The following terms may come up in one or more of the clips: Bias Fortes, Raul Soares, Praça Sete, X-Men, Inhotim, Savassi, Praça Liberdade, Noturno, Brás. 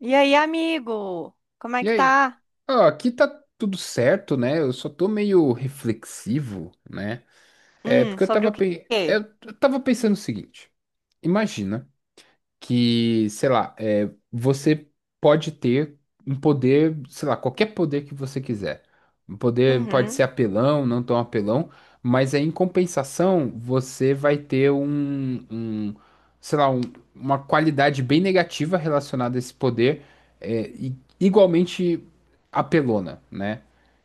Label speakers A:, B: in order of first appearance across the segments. A: E aí, amigo? Como é
B: E
A: que
B: aí?
A: tá?
B: Ah, aqui tá tudo certo, né? Eu só tô meio reflexivo, né? É porque eu
A: Sobre
B: tava,
A: o
B: pe...
A: quê?
B: eu eu tava pensando o seguinte: imagina que, sei lá, você pode ter um poder, sei lá, qualquer poder que você quiser. Um poder pode ser
A: Uhum,
B: apelão, não tão apelão, mas aí em compensação você vai ter um, sei lá, uma qualidade bem negativa relacionada a esse poder, igualmente apelona, né?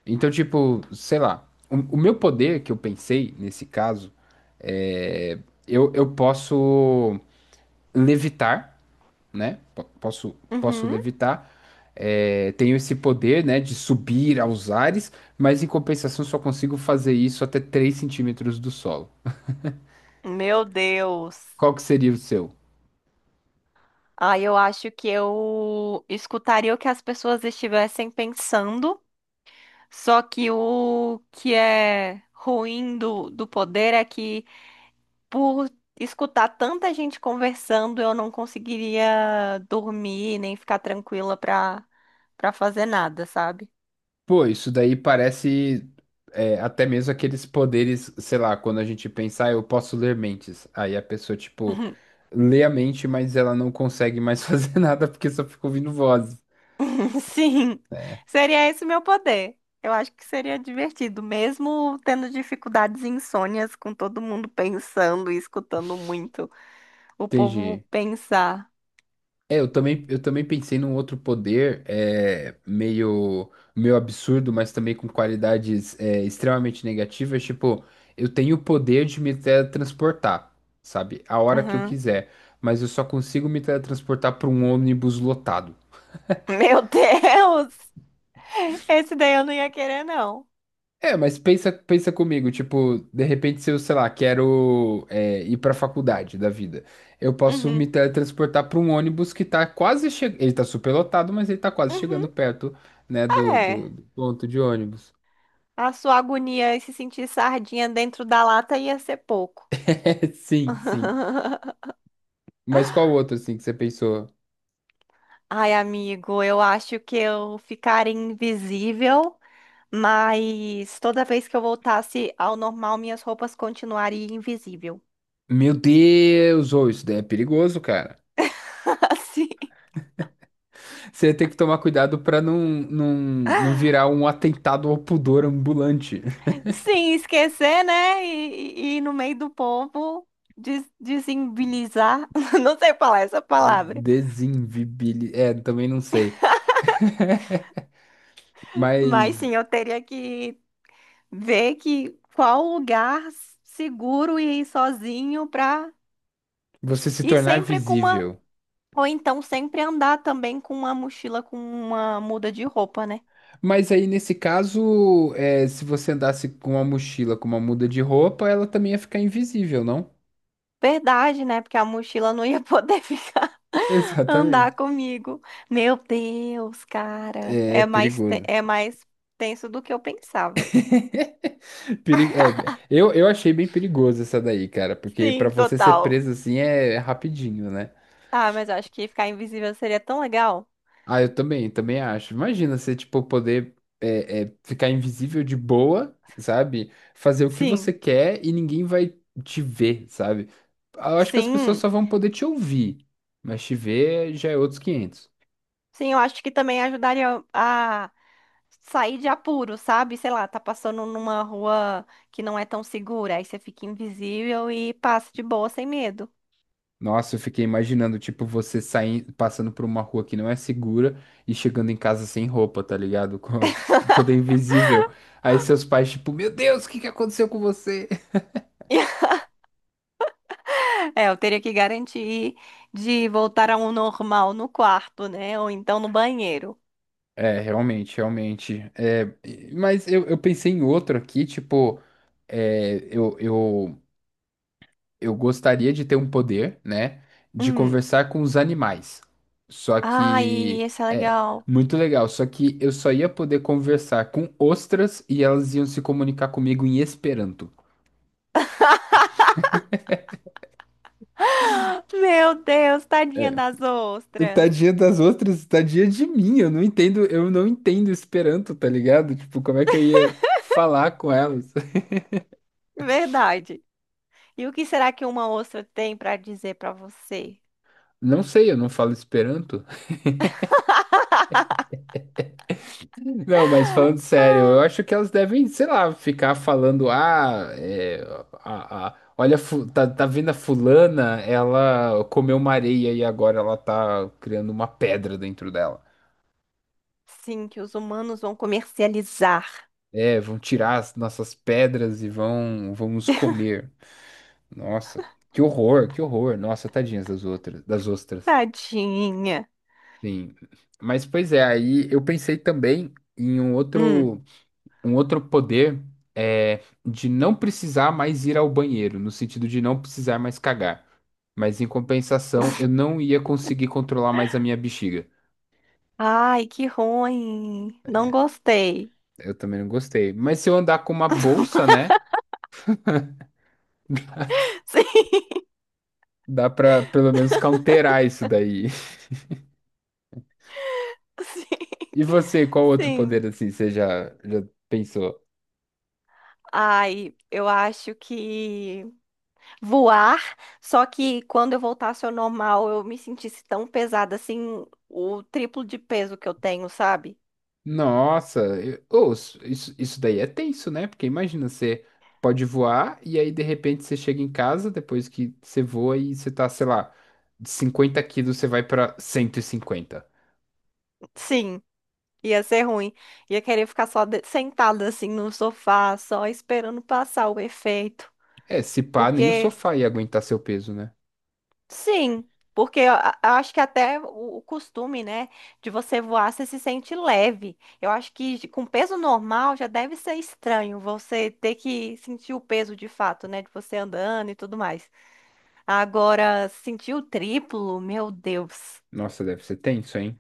B: Então, tipo, sei lá, o meu poder que eu pensei nesse caso é, eu posso levitar, né? Posso
A: uhum.
B: levitar. É, tenho esse poder, né, de subir aos ares, mas em compensação só consigo fazer isso até 3 centímetros do solo.
A: Meu Deus.
B: Qual que seria o seu?
A: Ah, eu acho que eu escutaria o que as pessoas estivessem pensando, só que o que é ruim do poder é que, por escutar tanta gente conversando, eu não conseguiria dormir nem ficar tranquila pra, pra fazer nada, sabe?
B: Pô, isso daí parece, até mesmo aqueles poderes, sei lá, quando a gente pensa, ah, eu posso ler mentes. Aí a pessoa, tipo, lê a mente, mas ela não consegue mais fazer nada porque só fica ouvindo vozes.
A: Sim, seria esse o meu poder. Eu acho que seria divertido, mesmo tendo dificuldades e insônias, com todo mundo pensando e escutando muito o povo
B: Entendi.
A: pensar.
B: É, eu também pensei num outro poder meio absurdo, mas também com qualidades extremamente negativas. Tipo, eu tenho o poder de me teletransportar, sabe? A hora que eu
A: Uhum.
B: quiser, mas eu só consigo me teletransportar para um ônibus lotado.
A: Meu Deus! Esse daí eu não ia querer, não.
B: É, mas pensa, pensa comigo, tipo, de repente se eu, sei lá, quero ir pra faculdade da vida, eu posso me
A: Uhum.
B: teletransportar pra um ônibus que tá quase chegando, ele tá super lotado, mas ele tá quase
A: Uhum.
B: chegando perto, né, do,
A: É.
B: do, do ponto de ônibus.
A: A sua agonia e se sentir sardinha dentro da lata ia ser pouco.
B: É, sim, sim. Mas qual outro, assim, que você pensou?
A: Ai, amigo, eu acho que eu ficaria invisível. Mas toda vez que eu voltasse ao normal, minhas roupas continuariam invisível.
B: Meu Deus, ô, isso daí é perigoso, cara.
A: Assim,
B: Você tem que tomar cuidado pra não, não, não virar um atentado ao pudor ambulante.
A: sim, esquecer, né? E no meio do povo des desimbilizar. Não sei falar essa
B: É.
A: palavra.
B: É, também não sei.
A: Mas
B: Mas
A: sim, eu teria que ver que qual lugar seguro e ir sozinho pra.
B: Você se
A: E
B: tornar
A: sempre com uma.
B: visível.
A: Ou então sempre andar também com uma mochila com uma muda de roupa, né?
B: Mas aí, nesse caso, se você andasse com uma mochila, com uma muda de roupa, ela também ia ficar invisível, não?
A: Verdade, né? Porque a mochila não ia poder ficar andar
B: Exatamente.
A: comigo. Meu Deus, cara,
B: É, é
A: é mais te-
B: perigoso.
A: é mais tenso do que eu pensava.
B: Eu achei bem perigoso essa daí, cara, porque pra
A: Sim,
B: você ser
A: total.
B: preso assim é rapidinho, né?
A: Ah, mas eu acho que ficar invisível seria tão legal.
B: Ah, eu também, também acho. Imagina você, tipo, poder ficar invisível de boa, sabe? Fazer o que você
A: Sim,
B: quer e ninguém vai te ver, sabe? Eu acho que as pessoas
A: sim.
B: só vão poder te ouvir, mas te ver já é outros 500.
A: Sim, eu acho que também ajudaria a sair de apuro, sabe? Sei lá, tá passando numa rua que não é tão segura, aí você fica invisível e passa de boa sem medo.
B: Nossa, eu fiquei imaginando, tipo, você saindo, passando por uma rua que não é segura e chegando em casa sem roupa, tá ligado? Toda invisível. Aí seus pais, tipo, meu Deus, o que que aconteceu com você?
A: É, eu teria que garantir de voltar ao normal no quarto, né? Ou então no banheiro.
B: É, realmente, realmente. Mas eu pensei em outro aqui, tipo, é, eu, eu, eu gostaria de ter um poder, né, de
A: Hum.
B: conversar com os animais. Só
A: Ai,
B: que,
A: esse é legal.
B: muito legal. Só que eu só ia poder conversar com ostras e elas iam se comunicar comigo em Esperanto.
A: Meu Deus, tadinha das ostras.
B: Tadinha das ostras, tadinha de mim. Eu não entendo Esperanto, tá ligado? Tipo, como é que eu ia falar com elas?
A: Verdade. E o que será que uma ostra tem para dizer para você?
B: Não sei, eu não falo Esperanto. Não, mas falando sério, eu acho que elas devem, sei lá, ficar falando, ah, olha, tá vendo a fulana, ela comeu uma areia e agora ela tá criando uma pedra dentro dela.
A: Sim, que os humanos vão comercializar.
B: É, vão tirar as nossas pedras e vão nos comer. Nossa, que horror, que horror. Nossa, tadinhas das outras, das ostras.
A: Tadinha.
B: Sim. Mas pois é, aí eu pensei também em um
A: Hum.
B: outro. um outro poder é de não precisar mais ir ao banheiro, no sentido de não precisar mais cagar. Mas em compensação, eu não ia conseguir controlar mais a minha bexiga.
A: Ai, que ruim. Não gostei.
B: Eu também não gostei. Mas se eu andar com uma bolsa, né?
A: Sim,
B: Dá pra pelo menos counterar isso daí.
A: sim,
B: E você, qual outro
A: sim.
B: poder assim você já pensou?
A: Ai, eu acho que voar, só que quando eu voltasse ao normal, eu me sentisse tão pesada assim, o triplo de peso que eu tenho, sabe?
B: Nossa, ô, isso daí é tenso, né? Porque imagina, você pode voar e aí de repente você chega em casa depois que você voa e você tá, sei lá, de 50 quilos você vai pra 150.
A: Sim, ia ser ruim. Ia querer ficar só de- sentada assim no sofá, só esperando passar o efeito.
B: É, se pá, nem o
A: Porque,
B: sofá ia aguentar seu peso, né?
A: sim, porque eu a- acho que até o costume, né, de você voar, você se sente leve. Eu acho que de- com peso normal já deve ser estranho você ter que sentir o peso de fato, né, de você andando e tudo mais. Agora, sentir o triplo, meu Deus.
B: Nossa, deve ser tenso, hein?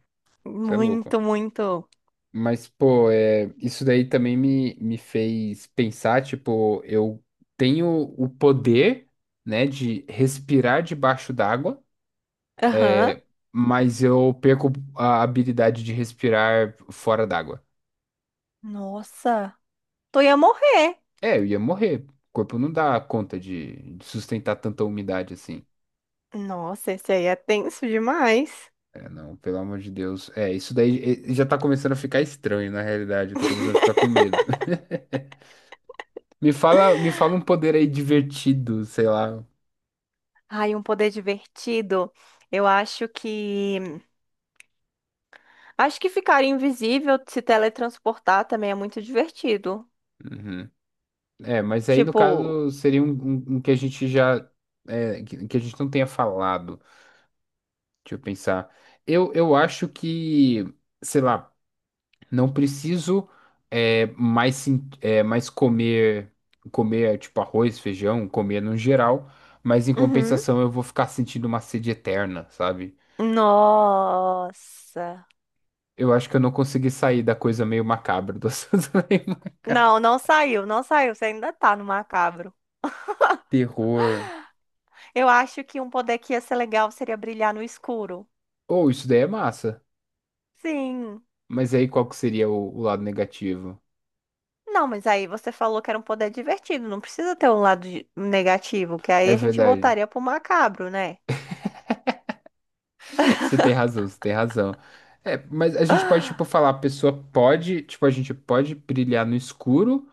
B: Você é louco.
A: Muito, muito.
B: Mas, pô, isso daí também me fez pensar, tipo, eu tenho o poder, né, de respirar debaixo d'água.
A: Aham.
B: É, mas eu perco a habilidade de respirar fora d'água.
A: Nossa, tô ia morrer.
B: É, eu ia morrer. O corpo não dá conta de sustentar tanta umidade assim.
A: Nossa, esse aí é tenso demais.
B: É, não, pelo amor de Deus. É, isso daí já tá começando a ficar estranho, na realidade. Eu tô começando a ficar com medo. Me fala um poder aí divertido, sei lá.
A: Ai, um poder divertido. Eu acho que. Acho que ficar invisível, se teletransportar também é muito divertido.
B: Uhum. É, mas aí no
A: Tipo.
B: caso seria um que a gente já. É, que a gente não tenha falado. Deixa eu pensar. Eu acho que, sei lá. Não preciso mais comer, comer tipo arroz, feijão, comer no geral, mas em
A: Uhum.
B: compensação eu vou ficar sentindo uma sede eterna, sabe?
A: Nossa.
B: Eu acho que eu não consegui sair da coisa meio macabra do assunto.
A: Não, não saiu, não saiu. Você ainda tá no macabro.
B: Terror.
A: Eu acho que um poder que ia ser legal seria brilhar no escuro.
B: Ou isso daí é massa.
A: Sim.
B: Mas aí qual que seria o lado negativo?
A: Não, mas aí você falou que era um poder divertido, não precisa ter um lado de- negativo, que
B: É
A: aí a gente
B: verdade.
A: voltaria pro macabro, né?
B: Você tem razão, você tem razão. É, mas a gente pode, tipo, falar, a pessoa pode, tipo, a gente pode brilhar no escuro,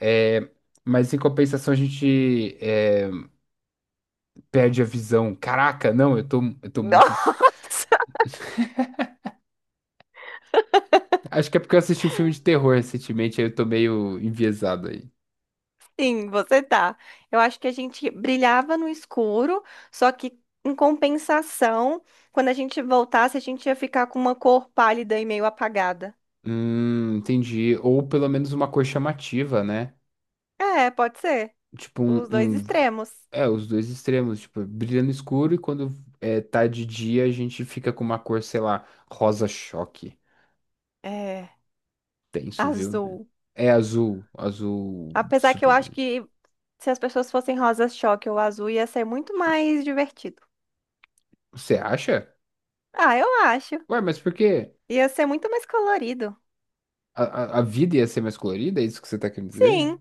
B: é, mas em compensação a gente perde a visão. Caraca, não, eu tô muito.
A: Nossa,
B: Acho que é porque eu assisti um filme de terror recentemente, aí eu tô meio enviesado aí.
A: sim, você tá. Eu acho que a gente brilhava no escuro, só que em compensação, quando a gente voltasse, a gente ia ficar com uma cor pálida e meio apagada.
B: Entendi. Ou pelo menos uma cor chamativa, né?
A: É, pode ser.
B: Tipo, um,
A: Os dois
B: um-
A: extremos.
B: É, os dois extremos, tipo, brilha no escuro e quando tá de dia a gente fica com uma cor, sei lá, rosa choque.
A: É,
B: Tenso, viu?
A: azul.
B: É azul, azul
A: Apesar que eu
B: super
A: acho
B: brilho.
A: que se as pessoas fossem rosas choque ou azul, ia ser muito mais divertido.
B: Você acha?
A: Ah, eu acho.
B: Ué, mas por quê?
A: Ia ser muito mais colorido.
B: A, a vida ia ser mais colorida? É isso que você tá querendo dizer?
A: Sim,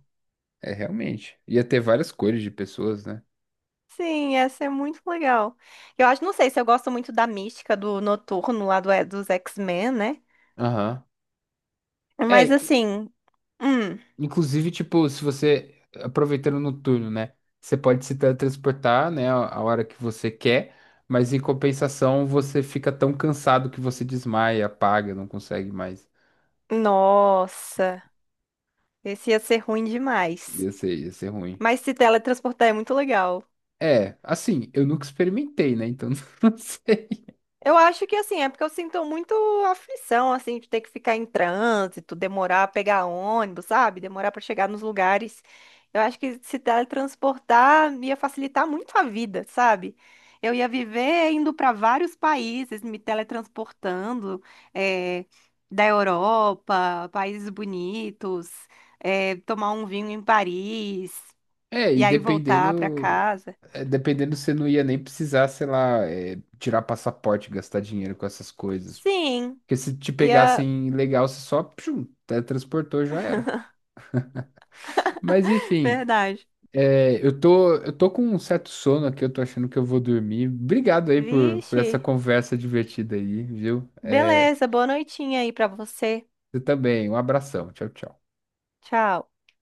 B: É, realmente. Ia ter várias cores de pessoas, né?
A: sim, ia ser muito legal. Eu acho, não sei se eu gosto muito da mística do Noturno lá do, dos X-Men, né?
B: Aham. É,
A: Mas assim, hum,
B: inclusive, tipo, se você, aproveitando no turno, né? Você pode se teletransportar, né, a hora que você quer, mas em compensação você fica tão cansado que você desmaia, apaga, não consegue mais.
A: nossa, esse ia ser ruim demais.
B: Ia ser ruim.
A: Mas se teletransportar é muito legal.
B: É, assim, eu nunca experimentei, né? Então, não sei.
A: Eu acho que assim, é porque eu sinto muito aflição, assim, de ter que ficar em trânsito, demorar a pegar ônibus, sabe? Demorar para chegar nos lugares. Eu acho que se teletransportar ia facilitar muito a vida, sabe? Eu ia viver indo para vários países, me teletransportando, eh, da Europa, países bonitos, eh, tomar um vinho em Paris
B: É,
A: e
B: e
A: aí voltar para
B: dependendo,
A: casa.
B: você não ia nem precisar, sei lá, tirar passaporte, gastar dinheiro com essas coisas.
A: Sim,
B: Porque se te
A: ia,
B: pegassem legal, você só pshum, teletransportou, já era. Mas enfim,
A: verdade.
B: eu tô com um certo sono aqui, eu tô achando que eu vou dormir. Obrigado aí por
A: Vixe.
B: essa conversa divertida aí, viu? É,
A: Beleza, boa noitinha aí pra você.
B: você também, um abração, tchau, tchau.
A: Tchau.